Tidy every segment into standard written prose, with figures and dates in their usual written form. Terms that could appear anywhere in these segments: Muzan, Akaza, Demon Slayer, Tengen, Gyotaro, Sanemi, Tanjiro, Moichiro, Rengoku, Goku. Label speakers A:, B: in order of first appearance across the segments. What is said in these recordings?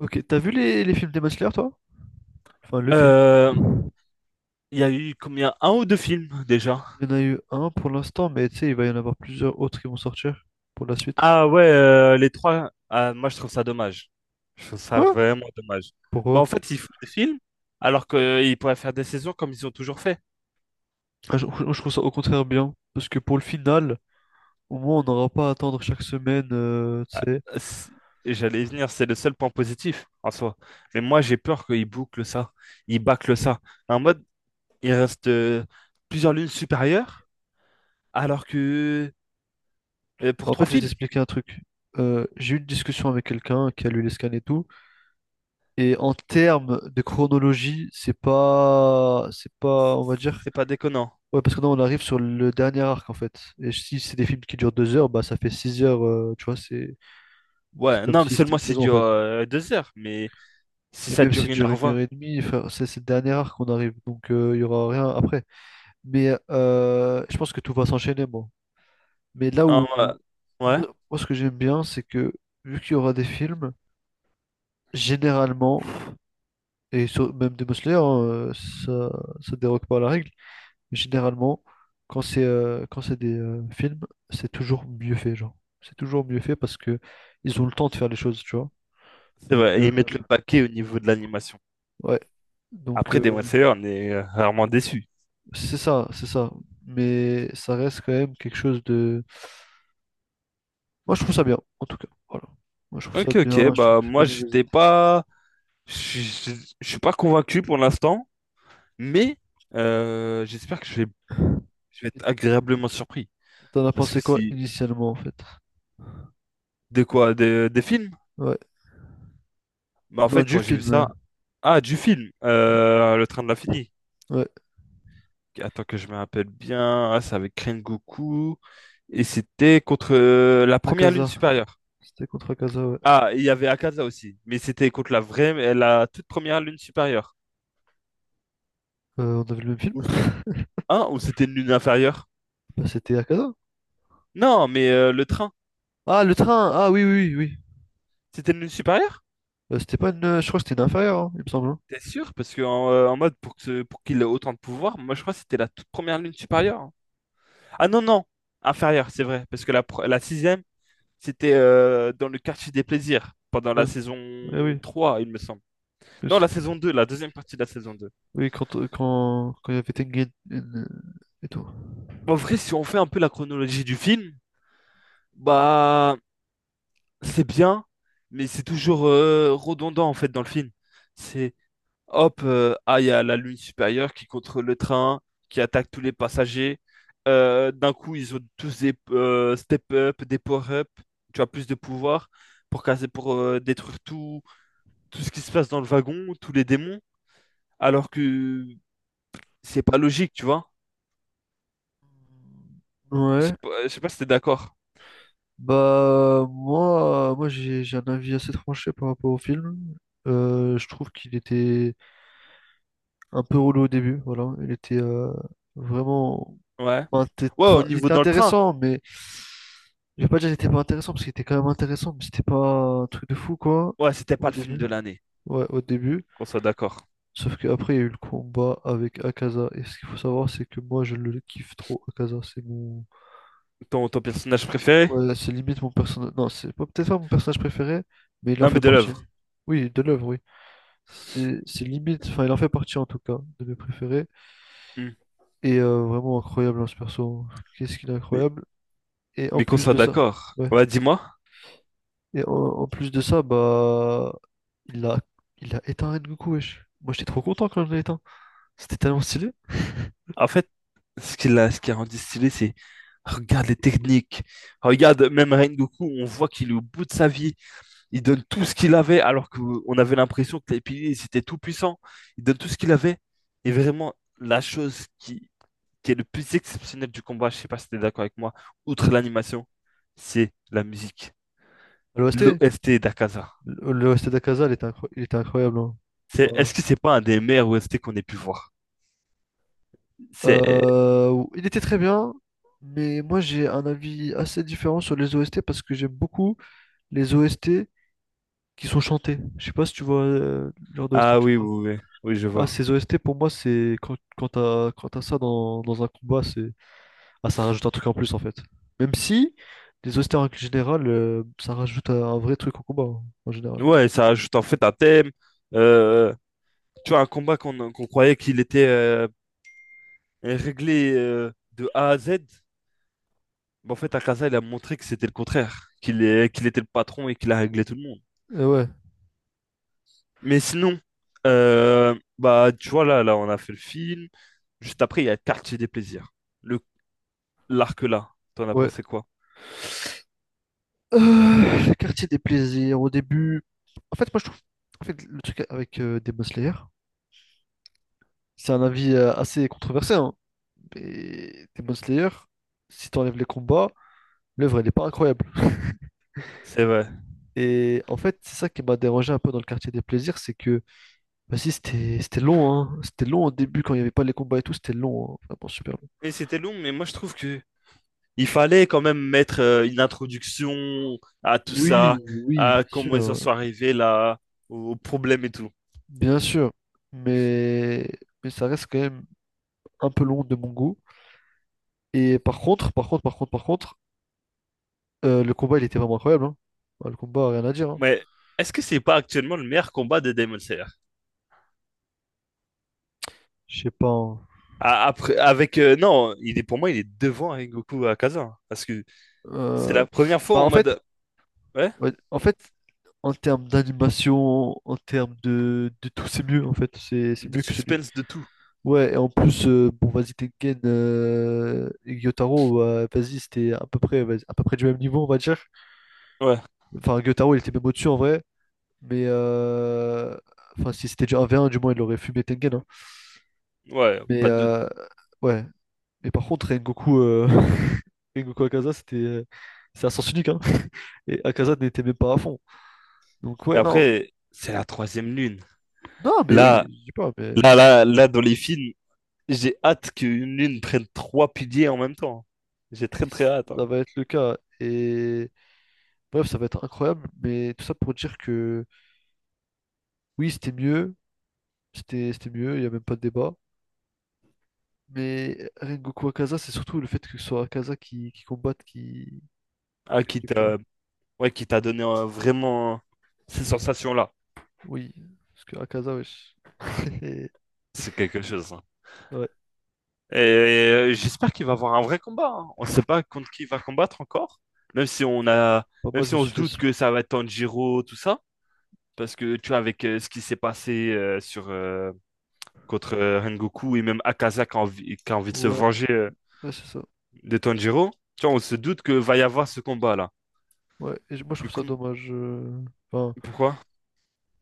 A: Ok, t'as vu les films Demon Slayer, toi? Enfin, le film. Il
B: Euh, il y a eu combien? Un ou deux films déjà?
A: y en a eu un pour l'instant, mais tu sais, il va y en avoir plusieurs autres qui vont sortir pour la suite.
B: Ah ouais, les trois. Ah, moi, je trouve ça dommage. Je trouve ça
A: Quoi?
B: vraiment dommage. Bah,
A: Pourquoi?
B: en fait, ils font des films alors qu'ils pourraient faire des saisons comme ils ont toujours fait.
A: Ah, je trouve ça au contraire bien, parce que pour le final, au moins, on n'aura pas à attendre chaque semaine, tu
B: Ah,
A: sais.
B: c'est- et j'allais y venir, c'est le seul point positif en soi. Mais moi, j'ai peur qu'ils bouclent ça. Ils bâclent ça. En mode, il reste plusieurs lunes supérieures, alors que pour
A: En
B: trois
A: fait, je vais
B: films.
A: t'expliquer un truc. J'ai eu une discussion avec quelqu'un qui a lu les scans et tout, et en termes de chronologie, c'est pas, on va dire.
B: C'est pas déconnant.
A: Ouais, parce que non, on arrive sur le dernier arc en fait. Et si c'est des films qui durent deux heures, bah ça fait six heures, tu vois, c'est
B: Ouais,
A: comme
B: non, mais
A: si c'était
B: seulement
A: une
B: c'est
A: saison en
B: dure
A: fait.
B: deux heures. Mais si
A: Et
B: ça
A: même
B: dure
A: s'il
B: une
A: dure
B: h
A: une heure
B: 20
A: et demie, enfin, c'est le dernier arc qu'on arrive, donc il y aura rien après. Mais je pense que tout va s'enchaîner, moi. Mais
B: Hein, ouais, ouais,
A: moi ce que j'aime bien, c'est que vu qu'il y aura des films, généralement, et même des Slayer, hein, ça ça dérogue pas à la règle. Mais généralement, quand c'est des films, c'est toujours mieux fait, genre. C'est toujours mieux fait parce que ils ont le temps de faire les choses, tu vois.
B: c'est
A: Donc
B: vrai. Et ils mettent le paquet au niveau de l'animation.
A: ouais. Donc
B: Après, Demon Slayer, on est rarement déçu.
A: c'est ça, c'est ça. Mais ça reste quand même quelque chose de. Moi je trouve ça bien, en tout cas. Voilà. Moi je trouve ça
B: Ok, ok.
A: bien, je trouve
B: Bah,
A: que c'est pas
B: moi,
A: une mauvaise
B: j'étais pas. Je suis pas convaincu pour l'instant. Mais j'espère que je vais
A: idée.
B: être agréablement surpris.
A: T'en as
B: Parce que
A: pensé quoi
B: si.
A: initialement en fait?
B: De quoi? Des films?
A: Ouais.
B: Bah, en
A: Non,
B: fait,
A: du
B: quand j'ai vu
A: film.
B: ça. Ah, du film,
A: Ouais.
B: Le Train de l'Infini.
A: Ouais.
B: Attends que je me rappelle bien. Ah, c'est avec Goku. Et c'était contre la
A: La
B: première lune
A: Casa.
B: supérieure.
A: C'était contre Akaza, ouais.
B: Ah, il y avait Akaza aussi, mais c'était contre la vraie, la toute première lune supérieure.
A: On avait le même film?
B: Ou, hein, ou c'était une lune inférieure?
A: Bah, c'était Akaza.
B: Non, mais le train,
A: Ah, le train! Ah oui, oui, oui, oui.
B: c'était une lune supérieure?
A: C'était pas une. Je crois que c'était une inférieure, hein, il me semble, hein.
B: T'es sûr? Parce que en mode pour pour qu'il ait autant de pouvoir, moi je crois que c'était la toute première lune supérieure, hein. Ah non non, inférieure, c'est vrai, parce que la sixième, c'était dans le quartier des plaisirs pendant la
A: Ouais,
B: saison
A: eh oui.
B: 3, il me semble.
A: Mais
B: Non, la
A: c'était-
B: saison 2, la deuxième partie de la saison 2.
A: Oui, quand il y avait Tengen et tout.
B: En vrai, si on fait un peu la chronologie du film, bah c'est bien, mais c'est toujours redondant en fait dans le film. C'est hop, il y a la lune supérieure qui contrôle le train, qui attaque tous les passagers. D'un coup, ils ont tous des step up, des power up. Tu as plus de pouvoir pour casser, pour détruire tout, tout ce qui se passe dans le wagon, tous les démons. Alors que c'est pas logique, tu vois. Je sais
A: Ouais.
B: pas, je sais pas si t'es d'accord.
A: Bah, moi j'ai un avis assez tranché par rapport au film. Je trouve qu'il était un peu relou au début, voilà. Il était vraiment.
B: Ouais.
A: Enfin,
B: Ouais, au
A: enfin, il
B: niveau
A: était
B: dans le train.
A: intéressant, mais je vais pas dire qu'il était pas intéressant parce qu'il était quand même intéressant, mais c'était pas un truc de fou quoi
B: Ouais, c'était pas
A: au
B: le film
A: début.
B: de l'année.
A: Ouais, au début.
B: Qu'on soit d'accord.
A: Sauf qu'après, il y a eu le combat avec Akaza. Et ce qu'il faut savoir, c'est que moi, je le kiffe trop, Akaza. C'est mon.
B: Ton personnage préféré?
A: Ouais, c'est limite mon personnage. Non, c'est pas peut-être pas mon personnage préféré, mais il en
B: Non,
A: fait
B: mais de
A: partie.
B: l'œuvre.
A: Oui, de l'œuvre, oui. C'est limite. Enfin, il en fait partie en tout cas, de mes préférés.
B: Hmm.
A: Et vraiment incroyable, hein, ce perso, hein. Qu'est-ce qu'il est
B: Mais,
A: incroyable. Et en
B: mais qu'on
A: plus
B: soit
A: de ça.
B: d'accord.
A: Ouais.
B: Ouais, dis-moi.
A: Et en plus de ça, bah, il a, il a éteint Rengoku, wesh. Moi, j'étais trop content quand je l'ai éteint. C'était tellement stylé.
B: En fait, ce qui a rendu stylé, c'est regarde les techniques. Regarde, même Rengoku, on voit qu'il est au bout de sa vie. Il donne tout ce qu'il avait, alors qu'on avait l'impression que les piliers, ils étaient tout puissants. Il donne tout ce qu'il avait. Et vraiment, la chose qui est le plus exceptionnel du combat, je sais pas si tu es d'accord avec moi, outre l'animation, c'est la musique.
A: L'OST,
B: L'OST d'Akaza.
A: L'OST d'Akaza, il était, il était incroyable, hein. Ouais.
B: Est-ce que c'est pas un des meilleurs OST qu'on ait pu voir? C'est,
A: Il était très bien, mais moi, j'ai un avis assez différent sur les OST parce que j'aime beaucoup les OST qui sont chantés. Je sais pas si tu vois le genre d'OST
B: Ah
A: que je
B: oui,
A: parle.
B: oui, oui, oui, je
A: Ah,
B: vois.
A: ces OST, pour moi, c'est quand t'as ça dans un combat, c'est. Ah, ça rajoute un truc en plus en fait. Même si, les austères en général, ça rajoute un vrai truc au combat, hein, en général.
B: Ouais, ça ajoute en fait un thème. Euh, Tu vois, un combat qu'on croyait qu'il était réglé de A à Z. Mais en fait, Akaza, il a montré que c'était le contraire, qu'il était le patron et qu'il a réglé tout le monde.
A: Et ouais,
B: Mais sinon, bah, tu vois, on a fait le film. Juste après, il y a Quartier des plaisirs. Le, l'arc là, t'en as
A: ouais.
B: pensé quoi?
A: Euh, le quartier des plaisirs, au début. En fait, moi je trouve. En fait, le truc avec Demon Slayer, c'est un avis assez controversé, hein. Mais Demon Slayer, si t'enlèves les combats, l'œuvre elle est pas incroyable.
B: C'est vrai.
A: Et en fait, c'est ça qui m'a dérangé un peu dans le quartier des plaisirs, c'est que, vas-y, c'était long, hein. C'était long au début quand il n'y avait pas les combats et tout, c'était long, hein. Vraiment super long.
B: Et c'était long, mais moi, je trouve que il fallait quand même mettre une introduction à tout ça,
A: Oui, oui,
B: à comment ils en sont arrivés là, aux problèmes et tout.
A: bien sûr, mais, mais ça reste quand même un peu long de mon goût. Et par contre, le combat, il était vraiment incroyable, hein. Bah, le combat, rien à dire, hein.
B: Mais est-ce que c'est pas actuellement le meilleur combat de Demon Slayer?
A: Je sais pas, hein.
B: Après, avec non, il est pour moi, il est devant Rengoku à Kazan parce que c'est
A: Euh,
B: la première fois
A: Bah,
B: en
A: en fait,
B: mode ouais,
A: ouais, en fait, en termes d'animation, en termes de tout, c'est mieux, en fait, c'est
B: de
A: mieux que celui.
B: suspense de tout.
A: Ouais, et en plus, bon, vas-y, Tengen et Gyotaro, bah, vas-y, c'était à peu près, vas-y, à peu près du même niveau, on va dire.
B: Ouais,
A: Enfin, Gyotaro, il était même au-dessus, en vrai. Mais enfin, si c'était déjà un v 1 du moins il aurait fumé Tengen, hein.
B: ouais,
A: Mais
B: pas de.
A: ouais. Mais par contre, Rengoku, Rengoku Akaza, c'est à sens unique. Hein. Et Akaza n'était même pas à fond. Donc
B: Mais
A: ouais, non.
B: après, c'est la troisième lune.
A: Non, mais oui,
B: Là,
A: je dis pas, mais
B: là, là, là, dans les films, j'ai hâte qu'une lune prenne trois piliers en même temps. J'ai très très hâte, hein.
A: ça va être le cas. Et bref, ça va être incroyable. Mais tout ça pour dire que oui, c'était mieux. C'était mieux, il n'y a même pas de débat. Mais Rengoku Akaza, c'est surtout le fait que ce soit Akaza qui combatte, qui...
B: Ah,
A: que je
B: qui
A: kiffe, tu vois.
B: t'a ouais, qui t'a donné vraiment ces sensations-là.
A: Oui, parce que Akaza, wesh. Et
B: C'est quelque chose, hein.
A: ouais.
B: Et j'espère qu'il va avoir un vrai combat, hein. On ne sait pas contre qui il va combattre encore. Même si on a,
A: Bah,
B: Même
A: moi, je
B: si
A: me
B: on
A: suis
B: se
A: fait.
B: doute
A: s-
B: que ça va être Tanjiro, tout ça. Parce que tu vois, avec ce qui s'est passé sur contre Rengoku et même Akaza qui a envie de se
A: Ouais,
B: venger
A: ouais, c'est ça.
B: de Tanjiro. Tu vois, on se doute que va y avoir ce combat-là.
A: Ouais, et moi, je
B: Du
A: trouve ça
B: coup,
A: dommage. Enfin,
B: pourquoi?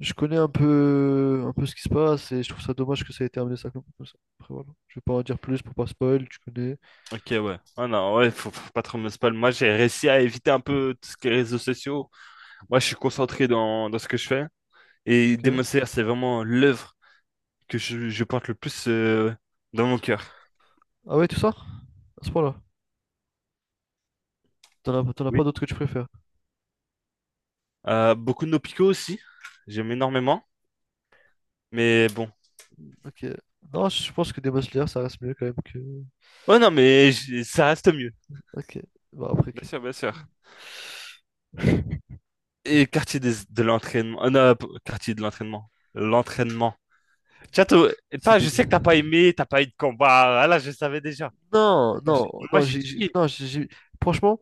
A: je connais un peu ce qui se passe et je trouve ça dommage que ça ait été amené ça comme ça. Après, voilà. Je vais pas en dire plus pour pas spoil, tu connais.
B: Ok, ouais. Ah non, ouais, faut pas trop me spoil. Moi, j'ai réussi à éviter un peu tout ce qui est réseaux sociaux. Moi, je suis concentré dans ce que je fais. Et
A: Ok.
B: Demon Slayer, c'est vraiment l'œuvre que je porte le plus dans mon cœur.
A: Ah ouais, tout ça? À ce point-là. T'en as pas
B: Oui.
A: d'autres que tu préfères.
B: Beaucoup de nos picots aussi. J'aime énormément. Mais bon.
A: Ok. Non, je pense que Demon Slayer, ça reste mieux quand même que.
B: Oh non, mais ça reste mieux.
A: Ok. Bah, après,
B: Bien
A: ok.
B: sûr, bien sûr. Et quartier de l'entraînement. Non, quartier de l'entraînement. L'entraînement. Tiens,
A: C'est
B: je sais
A: bide.
B: que t'as pas aimé, t'as pas eu de combat. Ah là, je savais déjà.
A: Non, non,
B: Moi,
A: non,
B: j'ai kiffé.
A: non, franchement.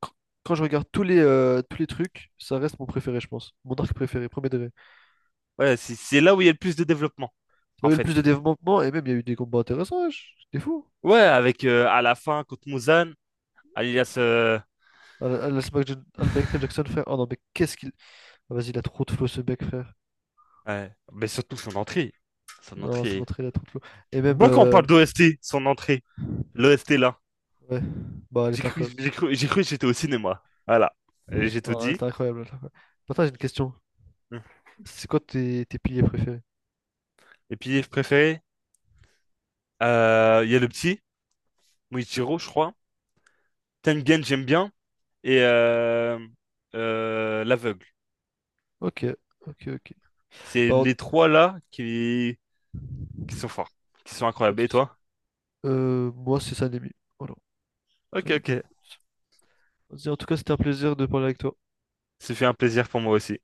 A: quand quand je regarde tous tous les trucs, ça reste mon préféré, je pense. Mon arc préféré, premier degré.
B: Ouais, c'est là où il y a le plus de développement,
A: Il y
B: en
A: avait le
B: fait.
A: plus de développement et même il y a eu des combats intéressants, wesh. T'es fou.
B: Ouais, avec à la fin contre Muzan, alias.
A: Ah, ah, laisse le Michael Jackson, frère. Oh non, mais qu'est-ce qu'il. Ah, vas-y, il a trop de flow, ce mec, frère.
B: Ouais. Mais surtout son entrée. Son
A: Non, ça
B: entrée.
A: montrait, il a trop de flow. Et même.
B: Moi, quand on parle d'OST, son entrée. L'OST là.
A: Ouais. Bah, elle
B: J'ai
A: est
B: cru,
A: incroyable.
B: j'ai cru, j'ai cru que j'étais au cinéma. Voilà. J'ai tout
A: Non, elle
B: dit.
A: est incroyable. Elle est incroyable. Maintenant, j'ai une question. C'est quoi tes piliers préférés?
B: Et puis, je préféré. Il y a le petit, Moichiro, je crois. Tengen, j'aime bien. Et l'aveugle.
A: Ok, ok, ok.
B: C'est
A: Bah,
B: les trois là qui sont forts, qui sont
A: pas de
B: incroyables. Et
A: souci.
B: toi?
A: Moi, c'est Sanemi. Voilà.
B: Ok,
A: Sanemi.
B: ok.
A: Vas-y, en tout cas, c'était un plaisir de parler avec toi.
B: Ce fait un plaisir pour moi aussi.